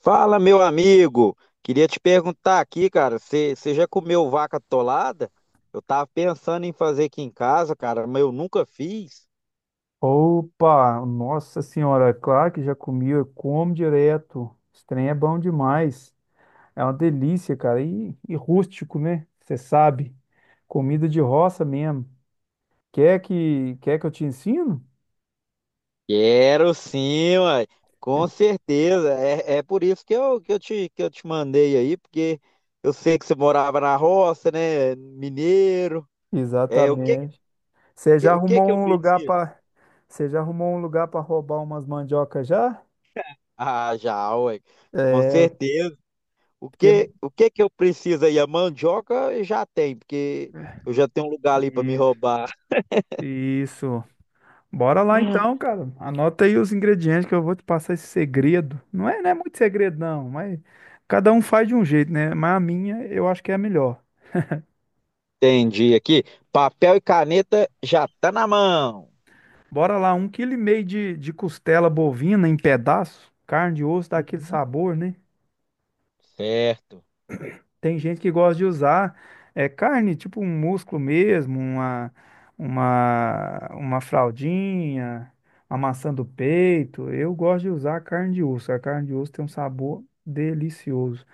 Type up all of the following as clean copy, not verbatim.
Fala, meu amigo. Queria te perguntar aqui, cara, você já comeu vaca atolada? Eu tava pensando em fazer aqui em casa, cara, mas eu nunca fiz. Opa, nossa senhora, claro que já comi, eu como direto. Esse trem é bom demais. É uma delícia, cara. E rústico, né? Você sabe. Comida de roça mesmo. Quer que eu te ensino? Quero sim, uai. Com certeza. É por isso que eu te mandei aí, porque eu sei que você morava na roça, né? Mineiro. É, o que, Exatamente. o Você já que, o que arrumou que eu um lugar preciso? para, Você já arrumou um lugar para roubar umas mandioca já? Ah, já, ué. Com É, certeza. O que, porque o que que eu preciso aí? A mandioca já tem, porque eu já tenho um lugar ali para me Isso. roubar. isso. Bora lá então, cara. Anota aí os ingredientes que eu vou te passar esse segredo. Não é muito segredo, não, mas cada um faz de um jeito, né? Mas a minha eu acho que é a melhor. Entendi aqui. Papel e caneta já tá na mão. Bora lá, um quilo e meio de costela bovina em pedaço, carne de osso dá aquele Uhum. sabor, né? Certo. Tem gente que gosta de usar carne, tipo um músculo mesmo, uma, uma fraldinha, uma maçã do peito. Eu gosto de usar carne de osso. A carne de osso tem um sabor delicioso.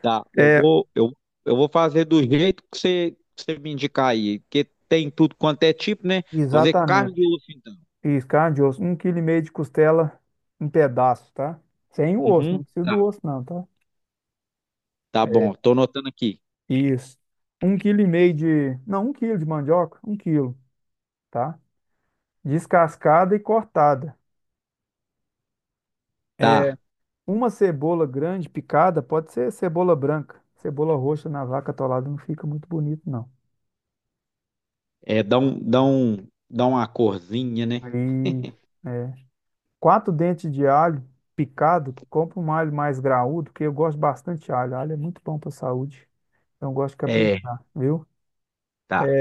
Tá, eu É, vou, eu, eu vou fazer do jeito que você me indicar aí, porque tem tudo quanto é tipo, né? Vou fazer carne de Exatamente. osso, então. Isso, carne de osso. Um quilo e meio de costela em pedaço, tá? Sem o osso, não Uhum. precisa Tá, do osso, não, tá? tá bom, tô anotando aqui. Isso. Um quilo e meio de. Não, um quilo de mandioca, um quilo, tá? Descascada e cortada. É, Tá, Uma cebola grande picada, pode ser cebola branca. Cebola roxa na vaca atolada não fica muito bonito, não. é, dá um, dá um, dá uma corzinha, né? Aí, é. Quatro dentes de alho picado, compra um alho mais graúdo, porque eu gosto bastante de alho. Alho é muito bom para a saúde. Então eu gosto de É, caprichar, viu? tá.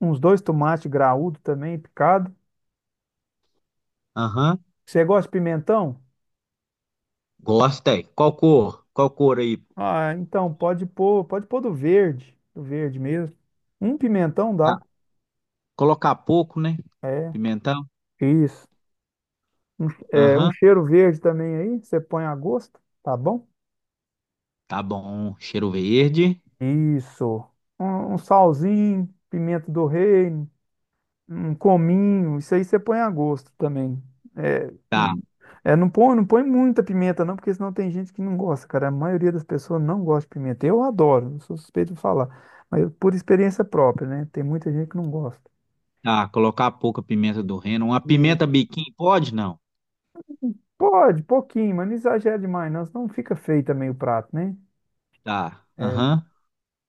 Uns dois tomates graúdo também, picado. Aham. Você gosta de pimentão? Gosta, é. Qual cor? Qual cor aí? Ah, então pode pôr do verde, mesmo. Um pimentão Ah, dá. colocar pouco, né? É, Pimentão? isso. Um Aham. cheiro verde também aí, você põe a gosto, tá bom? Tá bom. Cheiro verde. Isso. Um salzinho, pimenta do reino. Um cominho, isso aí você põe a gosto também. É, Tá, hum, não põe muita pimenta não, porque senão tem gente que não gosta, cara. A maioria das pessoas não gosta de pimenta. Eu adoro, eu sou suspeito de falar, mas por experiência própria, né? Tem muita gente que não gosta. tá. Colocar pouca pimenta do reino. Uma E pimenta biquinho, pode? Não. pode, pouquinho, mas não exagera demais, não, senão fica feio também o prato, né? Tá. É, Aham.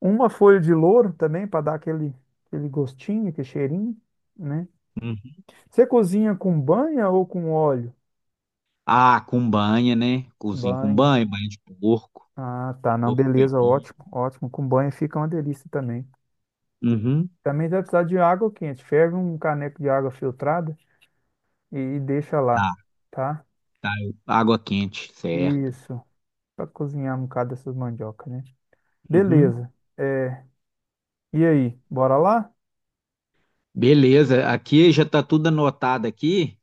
uma folha de louro também para dar aquele, aquele gostinho, aquele cheirinho, né? Uhum. Você cozinha com banha ou com óleo? Ah, com banha, né? Cozinho com Banho. banho, banho de porco. Ah, tá, não, Porco beleza, caipira. ótimo, ótimo. Com banho fica uma delícia também. Uhum. Também vai precisar de água quente. Ferve um caneco de água filtrada e deixa Tá, lá, tá? tá. Água quente, certo. Isso, para cozinhar um bocado dessas mandiocas, né? Uhum. Beleza. É, e aí, bora lá? Beleza. Aqui já tá tudo anotado aqui.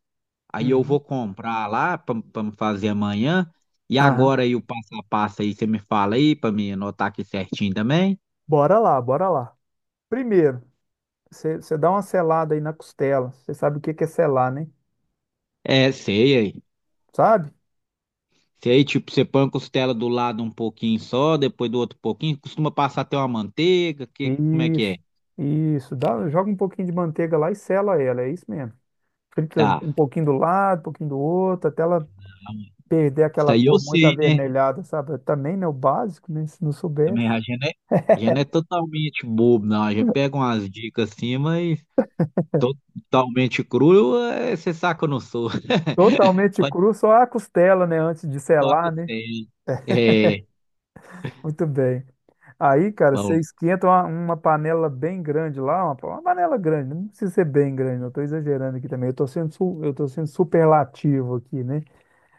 Aí eu vou Uhum. comprar lá para me fazer amanhã. E Aham. agora aí o passo a passo aí, você me fala aí para me anotar aqui certinho também? Bora lá, bora lá. Primeiro, você dá uma selada aí na costela. Você sabe o que que é selar, né? É, sei aí. Sabe? Sei, tipo, você põe a costela do lado um pouquinho só, depois do outro pouquinho, costuma passar até uma manteiga, que, como é que Isso, é? isso. Dá, joga um pouquinho de manteiga lá e sela ela, é isso mesmo. Frita Tá. um pouquinho do lado, um pouquinho do outro, até ela perder Isso aquela aí eu cor muito sei, né? avermelhada, sabe? Também, né? O básico, né? Se não Também soubesse. A gente não é totalmente bobo, não. A gente pega umas dicas assim, mas totalmente cru, é, você saca que eu não sou. Totalmente Pode cru, só a costela, né? Antes de só selar, né? costela. É, Muito bem. Aí, cara, você bom. esquenta uma panela bem grande lá, uma panela grande, não precisa ser bem grande, não estou exagerando aqui também, eu tô sendo superlativo aqui, né?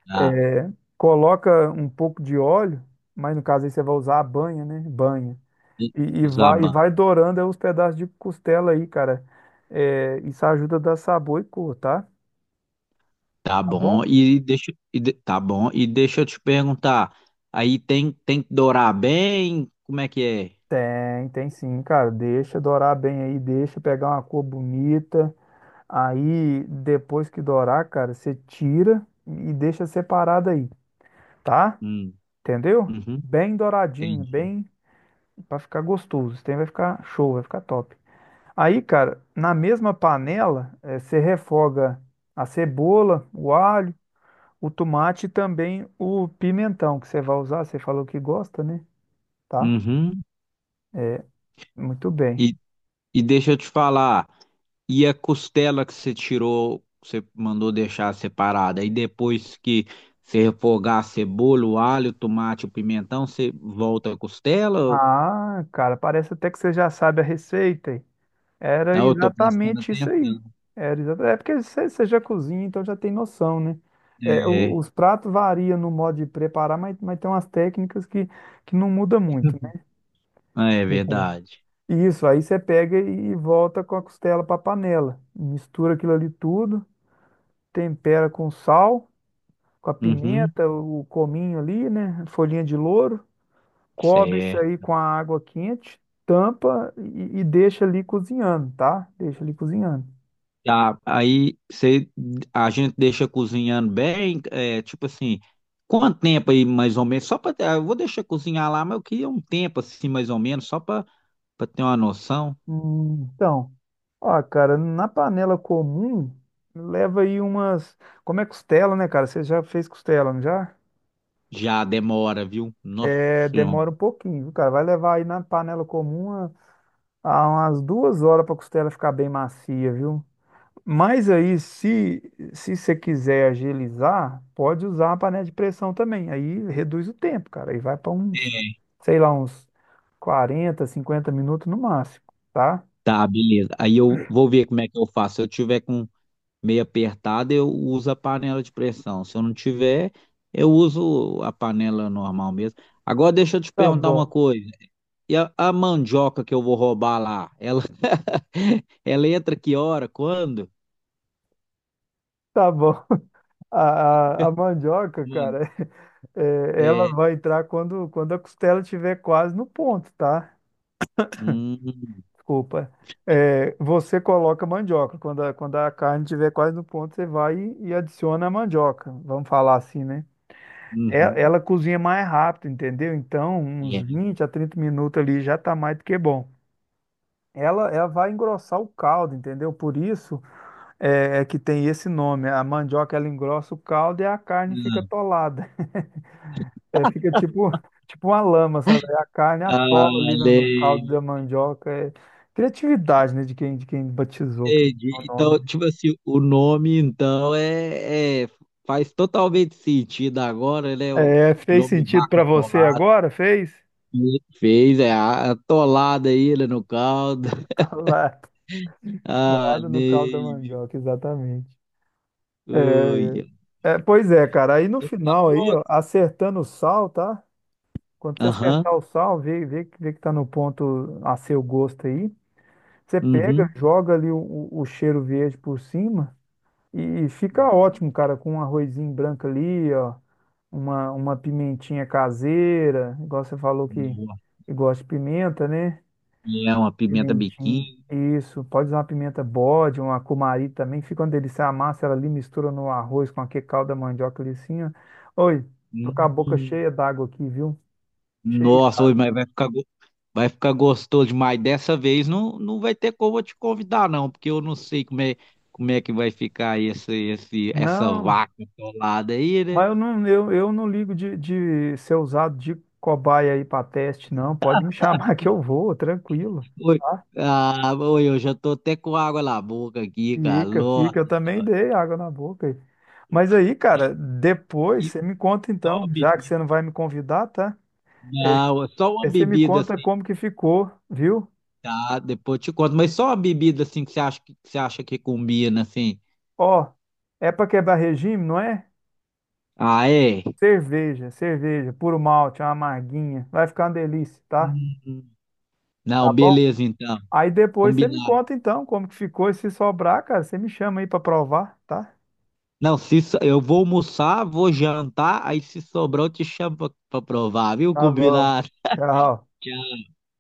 Tá. É, coloca um pouco de óleo, mas no caso aí você vai usar a banha, né? Banha. E E, e vai, e Zaban, vai dourando aí os pedaços de costela aí, cara. É, isso ajuda a dar sabor e cor, tá? tá Tá bom. bom? Tá bom. E deixa eu te perguntar, aí tem tem que dourar bem? Como é que é? Tem sim, cara. Deixa dourar bem aí, deixa pegar uma cor bonita. Aí, depois que dourar, cara, você tira e deixa separado aí, tá? Hum, Entendeu? uhum, Bem douradinho, entendi. bem pra ficar gostoso. Isso daí vai ficar show, vai ficar top. Aí, cara, na mesma panela, você refoga a cebola, o alho. O tomate e também o pimentão que você vai usar, você falou que gosta, né? Tá? Uhum. Muito bem. E, e deixa eu te falar, e a costela que você tirou, que você mandou deixar separada, aí depois que você refogar a cebola, o alho, o tomate, o pimentão, você volta a costela? Ou- Ah, cara, parece até que você já sabe a receita, hein? Era Não, eu tô prestando exatamente isso aí. atenção. É porque você já cozinha, então já tem noção, né? É, É, os pratos variam no modo de preparar, mas tem umas técnicas que não muda muito, né? é Você- verdade. Isso, aí você pega e volta com a costela para a panela. Mistura aquilo ali tudo, tempera com sal, com a Uhum, pimenta, o cominho ali, né? Folhinha de louro. Cobre isso certo. aí com a água quente, tampa e deixa ali cozinhando, tá? Deixa ali cozinhando. Tá, aí você, a gente deixa cozinhando bem, é, tipo assim, quanto tempo aí mais ou menos? Só para eu vou deixar cozinhar lá, mas eu queria um tempo assim mais ou menos, só para ter uma noção. Então, ó, cara, na panela comum, leva aí umas. Como é costela, né, cara? Você já fez costela, não já? Já demora, viu? Nossa É, Senhora. demora um pouquinho, viu, cara? Vai levar aí na panela comum a umas 2 horas pra costela ficar bem macia, viu? Mas aí, se você quiser agilizar, pode usar a panela de pressão também. Aí reduz o tempo, cara. Aí vai para uns, É. sei lá, uns 40 50 minutos no máximo, tá? Tá, beleza. Aí eu vou ver como é que eu faço. Se eu tiver com meio apertado, eu uso a panela de pressão. Se eu não tiver, eu uso a panela normal mesmo. Agora deixa eu te Tá perguntar uma bom, coisa. E a mandioca que eu vou roubar lá, ela, ela entra que hora? Quando? tá bom. A mandioca, Mano, cara, ela é. vai entrar quando a costela estiver quase no ponto, tá? Hum, Desculpa. Você coloca a mandioca. Quando a carne estiver quase no ponto, você vai e adiciona a mandioca. Vamos falar assim, né? Uhum, ela cozinha mais rápido, entendeu? Então, uns é. 20 a 30 minutos ali já tá mais do que bom. Ela vai engrossar o caldo, entendeu? Por isso é que tem esse nome. A mandioca, ela engrossa o caldo e a carne fica atolada. É, fica tipo, uma lama, sabe? A carne Ah, atola ali no caldo da lei. mandioca. É criatividade, né? De quem batizou, que é o Entendi. nome. Então, tipo assim, o nome, então, faz totalmente sentido agora, né? É, O fez nome sentido Vaca pra você Atolada, agora? Fez? né? Fez, é a atolada aí, né, no caldo. Atolado, Ah, atolado no caldo da Ney, viu? mandioca, exatamente. Ui, É, pois é, cara. Aí no tá final aí, ó, pronto? acertando o sal, tá? Quando você Aham, acertar o sal, vê que tá no ponto a seu gosto aí. Você pega, uhum. joga ali o cheiro verde por cima e fica Uhum. ótimo, cara, com um arrozinho branco ali, ó, uma pimentinha caseira, igual você falou que, Nossa, que gosta de pimenta, né? é uma pimenta Pimentinho. biquinho. Isso, pode usar uma pimenta bode, uma cumari também. Fica uma delícia. A massa, ela ali mistura no arroz com aquele caldo da mandioca ali assim, ó. Oi, tô com a boca Hum. cheia d'água aqui, viu? Cheia Nossa, ui, d'água. mas vai ficar gostoso demais. Dessa vez não, não vai ter como eu te convidar, não, porque eu não sei como é que vai ficar essa Não, vaca atolada aí, né? mas eu não ligo de ser usado de cobaia aí para teste, não. Pode me chamar que eu vou, tranquilo, Ui, tá? ah, ui, eu já tô até com água na boca aqui, cara. Fica, Nossa fica. Eu também Senhora. dei água na boca aí. Mas aí, cara, depois E você me conta só uma então, já que você bebida. não vai me convidar, tá? É, Não, só uma aí você me bebida conta assim, como que ficou, viu? tá? Depois eu te conto, mas só uma bebida assim que você acha que combina, assim. Ó, é pra quebrar regime, não é? Ah, é? Cerveja, cerveja, puro malte, uma amarguinha. Vai ficar uma delícia, tá? Hum. Não, Tá bom? beleza então. Aí depois você me Combinado. conta então como que ficou. E se sobrar, cara, você me chama aí pra provar, tá? Não, se so- eu vou almoçar, vou jantar, aí se sobrar eu te chamo pra provar, viu? Tá bom. Combinado. Tchau.